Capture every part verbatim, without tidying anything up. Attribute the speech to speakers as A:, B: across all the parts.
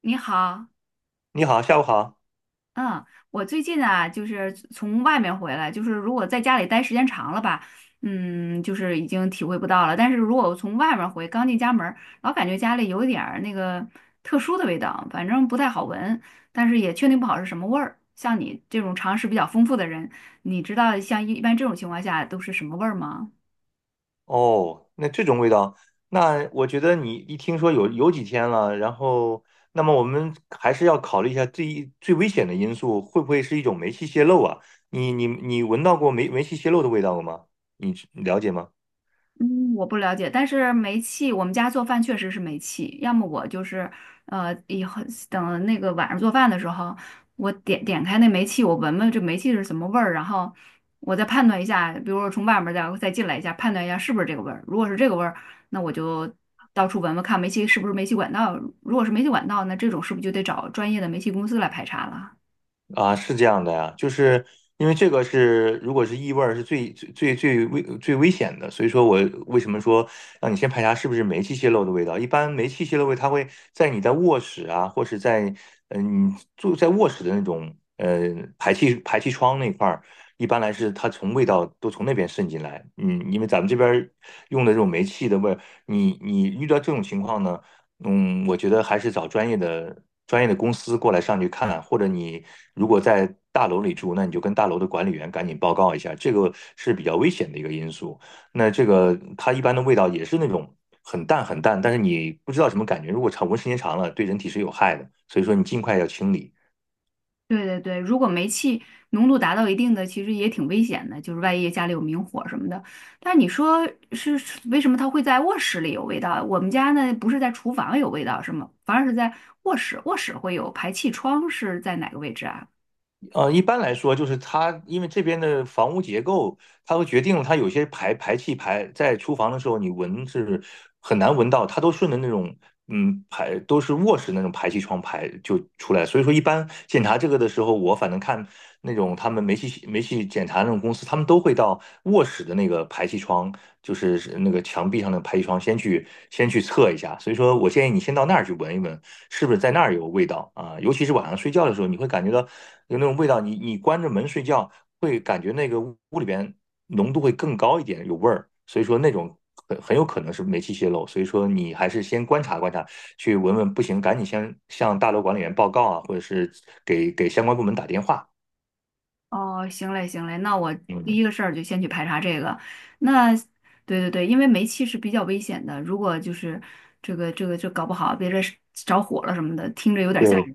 A: 你好，
B: 你好，下午好。
A: 嗯，我最近啊，就是从外面回来，就是如果在家里待时间长了吧，嗯，就是已经体会不到了。但是如果我从外面回，刚进家门儿老感觉家里有一点儿那个特殊的味道，反正不太好闻，但是也确定不好是什么味儿。像你这种常识比较丰富的人，你知道像一一般这种情况下都是什么味儿吗？
B: 哦，那这种味道，那我觉得你一听说有有几天了，然后，那么我们还是要考虑一下最最危险的因素，会不会是一种煤气泄漏啊？你你你闻到过煤煤气泄漏的味道了吗？你你了解吗？
A: 嗯，我不了解，但是煤气，我们家做饭确实是煤气。要么我就是，呃，以后等那个晚上做饭的时候，我点点开那煤气，我闻闻这煤气是什么味儿，然后我再判断一下，比如说从外面再再进来一下，判断一下是不是这个味儿。如果是这个味儿，那我就到处闻闻看煤气是不是煤气管道。如果是煤气管道，那这种是不是就得找专业的煤气公司来排查了？
B: 啊，是这样的呀，就是因为这个是，如果是异味儿，是最最最最危最危险的，所以说我为什么说让你先排查是不是煤气泄漏的味道？一般煤气泄漏味，它会在你在卧室啊，或是在嗯、住在卧室的那种呃排气排气窗那块儿，一般来是它从味道都从那边渗进来。嗯，因为咱们这边儿用的这种煤气的味儿，你你遇到这种情况呢？嗯，我觉得还是找专业的专业的公司过来上去看，或者你如果在大楼里住，那你就跟大楼的管理员赶紧报告一下，这个是比较危险的一个因素。那这个它一般的味道也是那种很淡很淡，但是你不知道什么感觉，如果长闻时间长了，对人体是有害的，所以说你尽快要清理。
A: 对对对，如果煤气浓度达到一定的，其实也挺危险的，就是万一家里有明火什么的。但是你说是是为什么它会在卧室里有味道？我们家呢不是在厨房有味道，是吗？反而是在卧室，卧室会有排气窗是在哪个位置啊？
B: 呃，一般来说，就是它因为这边的房屋结构，它会决定了它有些排排气排在厨房的时候，你闻是很难闻到，它都顺着那种嗯，排都是卧室那种排气窗排就出来，所以说一般检查这个的时候，我反正看那种他们煤气煤气检查那种公司，他们都会到卧室的那个排气窗，就是是那个墙壁上的排气窗，先去先去测一下。所以说我建议你先到那儿去闻一闻，是不是在那儿有味道啊？尤其是晚上睡觉的时候，你会感觉到有那种味道，你你关着门睡觉，会感觉那个屋里边。浓度会更高一点，有味儿，所以说那种很很有可能是煤气泄漏，所以说你还是先观察观察，去闻闻，不行赶紧先向大楼管理员报告啊，或者是给给相关部门打电话。
A: 哦，行嘞行嘞，那我第
B: 嗯，
A: 一个事儿就先去排查这个。那对对对，因为煤气是比较危险的，如果就是这个这个这搞不好，别这着火了什么的，听着有点吓
B: 对，
A: 人。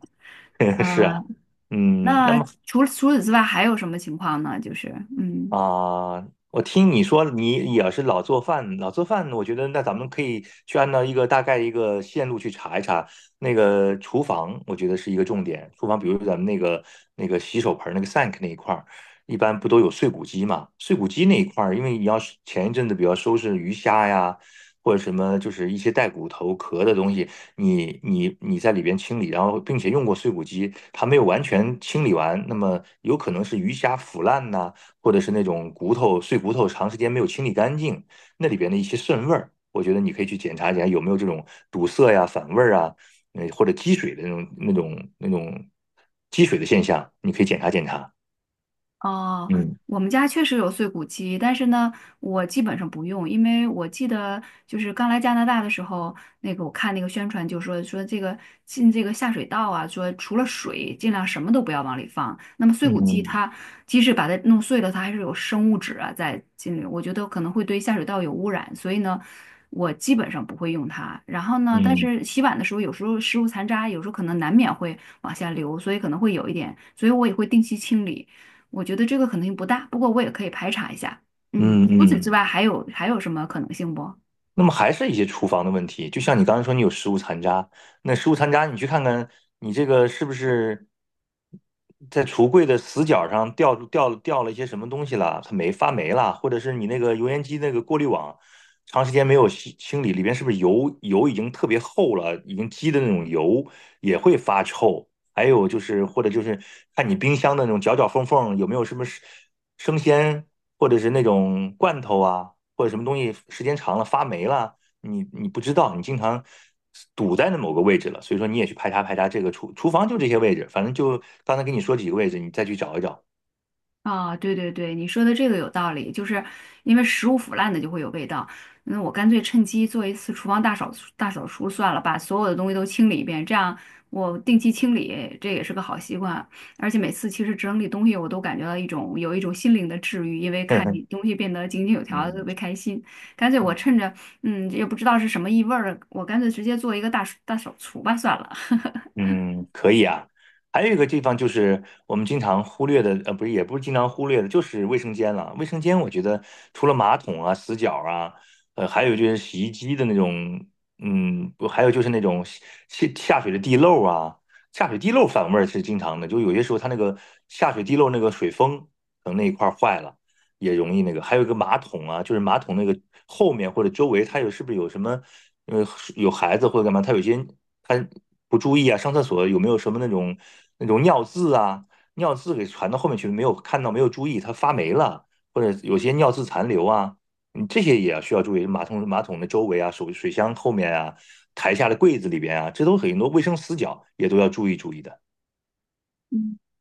B: 是啊，
A: 嗯。
B: 嗯，那
A: 那
B: 么
A: 除除此之外还有什么情况呢？就是嗯。
B: 啊，我听你说你也是老做饭，老做饭，我觉得那咱们可以去按照一个大概一个线路去查一查那个厨房，我觉得是一个重点。厨房，比如咱们那个那个洗手盆儿那个 sink 那一块儿，一般不都有碎骨机嘛？碎骨机那一块儿，因为你要是前一阵子比较收拾鱼虾呀，或者什么就是一些带骨头壳的东西，你你你在里边清理，然后并且用过碎骨机，它没有完全清理完，那么有可能是鱼虾腐烂呐、或者是那种骨头碎骨头长时间没有清理干净，那里边的一些渗味儿，我觉得你可以去检查一下有没有这种堵塞呀、反味儿啊，呃或者积水的那种那种那种积水的现象，你可以检查检查。
A: 哦，
B: 嗯
A: 我们家确实有碎骨机，但是呢，我基本上不用，因为我记得就是刚来加拿大的时候，那个我看那个宣传就说说这个进这个下水道啊，说除了水，尽量什么都不要往里放。那么碎骨机
B: 嗯
A: 它即使把它弄碎了，它还是有生物质啊在进里，我觉得可能会对下水道有污染，所以呢，我基本上不会用它。然后呢，但
B: 嗯
A: 是洗碗的时候，有时候食物残渣，有时候可能难免会往下流，所以可能会有一点，所以我也会定期清理。我觉得这个可能性不大，不过我也可以排查一下。嗯，
B: 嗯
A: 除此之
B: 嗯。
A: 外还有还有什么可能性不？
B: 那么还是一些厨房的问题，就像你刚才说，你有食物残渣，那食物残渣你去看看，你这个是不是在橱柜的死角上掉掉掉了一些什么东西了？它没发霉了，或者是你那个油烟机那个过滤网长时间没有清清理，里边是不是油油已经特别厚了，已经积的那种油也会发臭。还有就是或者就是看你冰箱的那种角角缝缝有没有什么生生鲜或者是那种罐头啊，或者什么东西时间长了发霉了，你你不知道，你经常堵在那某个位置了，所以说你也去排查排查这个厨厨房就这些位置，反正就刚才跟你说几个位置，你再去找一找。
A: 啊，对对对，你说的这个有道理，就是因为食物腐烂的就会有味道。那我干脆趁机做一次厨房大扫大扫除算了，把所有的东西都清理一遍，这样我定期清理，这也是个好习惯。而且每次其实整理东西，我都感觉到一种有一种心灵的治愈，因为看你 东西变得井井有条，特
B: 嗯
A: 别开心。干脆我趁
B: 嗯。
A: 着嗯也不知道是什么异味儿，我干脆直接做一个大大扫除吧算了。
B: 嗯，可以啊。还有一个地方就是我们经常忽略的，呃，不是，也不是经常忽略的，就是卫生间了。卫生间，我觉得除了马桶啊、死角啊，呃，还有就是洗衣机的那种，嗯，不还有就是那种下下水的地漏啊，下水地漏反味儿是经常的。就有些时候它那个下水地漏那个水封可能那一块儿坏了，也容易那个。还有一个马桶啊，就是马桶那个后面或者周围，它有是不是有什么，呃，有孩子或者干嘛，它有些他不注意啊，上厕所有没有什么那种那种尿渍啊，尿渍给传到后面去，没有看到，没有注意，它发霉了，或者有些尿渍残留啊，你这些也要需要注意。马桶马桶的周围啊，手水箱后面啊，台下的柜子里边啊，这都很多卫生死角也都要注意注意的。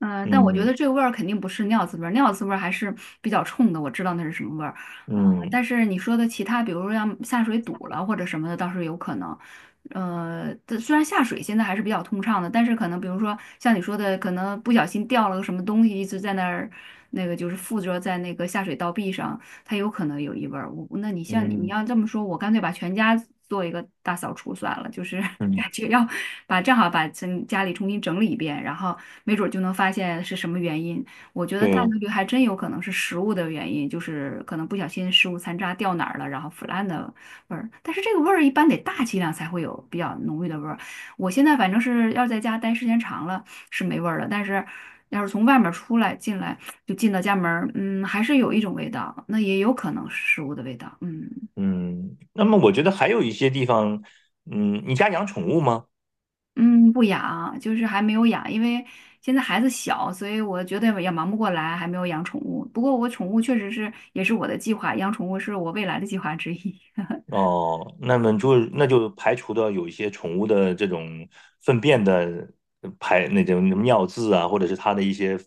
A: 嗯、呃但我觉得
B: 嗯
A: 这个味儿肯定不是尿渍味儿，尿渍味儿还是比较冲的，我知道那是什么味儿。嗯、
B: 嗯
A: 但是你说的其他，比如说像下水堵了或者什么的，倒是有可能。呃，这虽然下水现在还是比较通畅的，但是可能比如说像你说的，可能不小心掉了个什么东西，一直在那儿，那个就是附着在那个下水道壁上，它有可能有异味儿。我那你像你
B: 嗯
A: 要这么说，我干脆把全家做一个大扫除算了，就是
B: 嗯，
A: 感觉要把正好把整家里重新整理一遍，然后没准儿就能发现是什么原因。我觉得大概
B: 对，
A: 率还真有可能是食物的原因，就是可能不小心食物残渣掉哪儿了，然后腐烂的味儿。但是这个味儿一般得大剂量才会有比较浓郁的味儿。我现在反正是要在家待时间长了是没味儿了，但是要是从外面出来进来。就进到家门儿嗯，还是有一种味道，那也有可能是食物的味道，嗯
B: 嗯。那么我觉得还有一些地方，嗯，你家养宠物吗？
A: 嗯，不养，就是还没有养，因为现在孩子小，所以我觉得也忙不过来，还没有养宠物。不过我宠物确实是也是我的计划，养宠物是我未来的计划之一。
B: 哦，那么就那就排除掉有一些宠物的这种粪便的排那种尿渍啊，或者是它的一些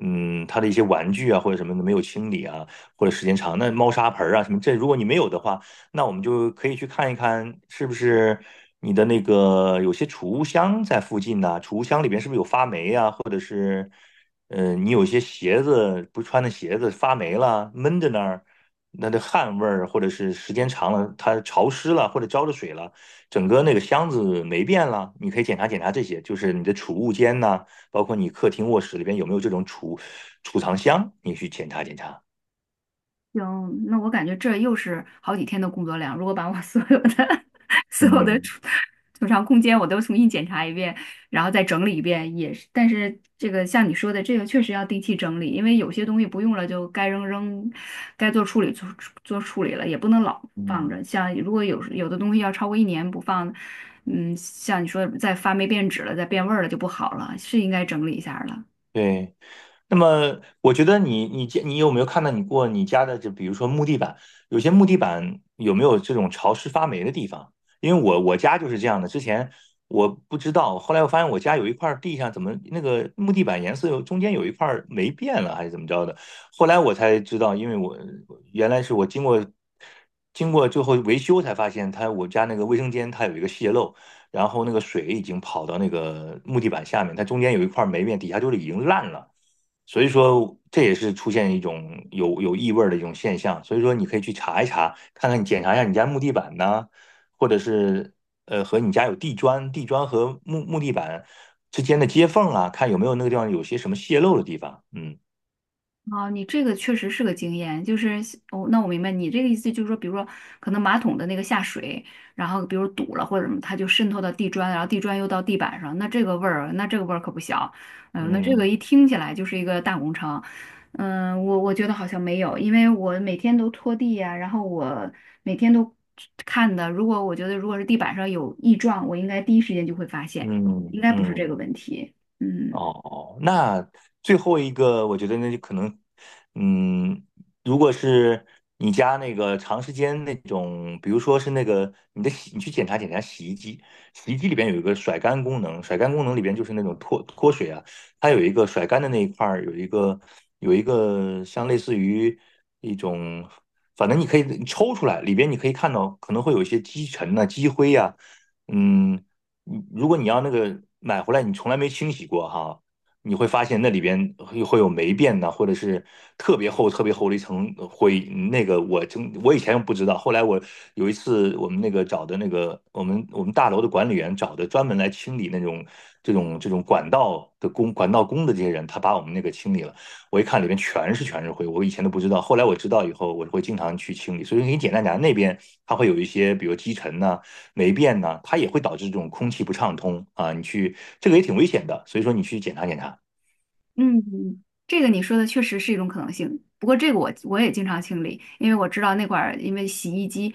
B: 嗯它的一些玩具啊或者什么的没有清理啊，或者时间长，那猫砂盆儿啊什么这如果你没有的话，那我们就可以去看一看是不是你的那个有些储物箱在附近呐、储物箱里边是不是有发霉啊，或者是嗯、呃你有些鞋子不穿的鞋子发霉了闷在那儿。那的汗味儿，或者是时间长了，它潮湿了，或者浇着水了，整个那个箱子霉变了，你可以检查检查这些，就是你的储物间呐、包括你客厅、卧室里边有没有这种储储藏箱，你去检查检查。
A: 行，那我感觉这又是好几天的工作量。如果把我 所有的 所有的
B: 嗯
A: 储储藏空间我都重新检查一遍，然后再整理一遍，也是。但是这个像你说的，这个确实要定期整理，因为有些东西不用了就该扔扔，该做处理做做处理了，也不能老放
B: 嗯，
A: 着。像如果有有的东西要超过一年不放，嗯，像你说的再发霉变质了，再变味儿了就不好了，是应该整理一下儿了。
B: 对，那么我觉得你你家你有没有看到你过你家的，就比如说木地板，有些木地板有没有这种潮湿发霉的地方？因为我我家就是这样的，之前我不知道，后来我发现我家有一块地上怎么那个木地板颜色有中间有一块霉变了，还是怎么着的？后来我才知道，因为我原来是我经过经过最后维修才发现它，我家那个卫生间它有一个泄漏。然后那个水已经跑到那个木地板下面，它中间有一块霉变，底下就是已经烂了。所以说这也是出现一种有有异味的一种现象。所以说你可以去查一查，看看你检查一下你家木地板呢，或者是呃和你家有地砖，地砖和木木地板之间的接缝啊，看有没有那个地方有些什么泄漏的地方。嗯
A: 哦，你这个确实是个经验，就是哦，那我明白你这个意思，就是说，比如说，可能马桶的那个下水，然后比如堵了或者什么，它就渗透到地砖，然后地砖又到地板上，那这个味儿，那这个味儿可不小，嗯、那这个
B: 嗯
A: 一听起来就是一个大工程，嗯、我我觉得好像没有，因为我每天都拖地呀、然后我每天都看的，如果我觉得如果是地板上有异状，我应该第一时间就会发现，应
B: 嗯
A: 该不是这个
B: 嗯。
A: 问题，嗯。
B: 哦，那最后一个，我觉得那就可能，嗯，如果是你家那个长时间那种，比如说是那个你的洗，你去检查检查洗衣机，洗衣机里边有一个甩干功能，甩干功能里边就是那种脱脱水啊，它有一个甩干的那一块儿有一个有一个像类似于一种，反正你可以你抽出来，里边你可以看到可能会有一些积尘呐、积灰呀、嗯，你如果你要那个买回来，你从来没清洗过哈，你会发现那里边会会有霉变呐，或者是特别厚、特别厚的一层灰。那个我真我以前不知道，后来我有一次我们那个找的那个我们我们大楼的管理员找的专门来清理那种这种这种管道的工管道工的这些人，他把我们那个清理了。我一看里面全是全是灰，我以前都不知道，后来我知道以后，我会经常去清理。所以你简单讲，那边它会有一些比如积尘呐、霉变呢，它也会导致这种空气不畅通啊。你去这个也挺危险的，所以说你去检查检查。
A: 嗯，这个你说的确实是一种可能性。不过这个我我也经常清理，因为我知道那块儿，因为洗衣机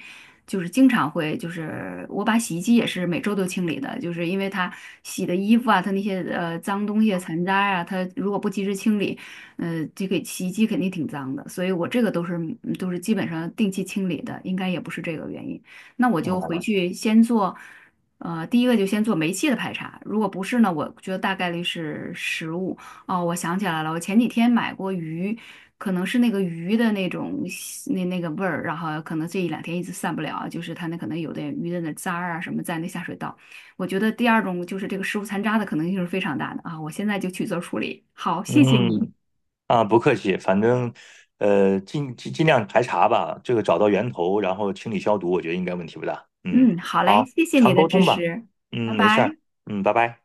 A: 就是经常会，就是我把洗衣机也是每周都清理的，就是因为它洗的衣服啊，它那些呃脏东西啊、残渣啊，它如果不及时清理，呃，这个洗衣机肯定挺脏的，所以我这个都是嗯都是基本上定期清理的，应该也不是这个原因。那我就回
B: 哦，
A: 去先做，呃，第一个就先做煤气的排查，如果不是呢，我觉得大概率是食物。哦，我想起来了，我前几天买过鱼，可能是那个鱼的那种腥那那个味儿，然后可能这一两天一直散不了，就是它那可能有的鱼的那渣儿啊什么在那下水道。我觉得第二种就是这个食物残渣的可能性是非常大的啊，我现在就去做处理。好，谢谢你。
B: 嗯，啊，不客气，反正呃尽尽尽量排查吧，这个找到源头，然后清理消毒，我觉得应该问题不大。嗯，
A: 嗯，好嘞，
B: 好，
A: 谢谢你
B: 常
A: 的
B: 沟
A: 支
B: 通吧。
A: 持，拜
B: 嗯，没事儿。
A: 拜。
B: 嗯，拜拜。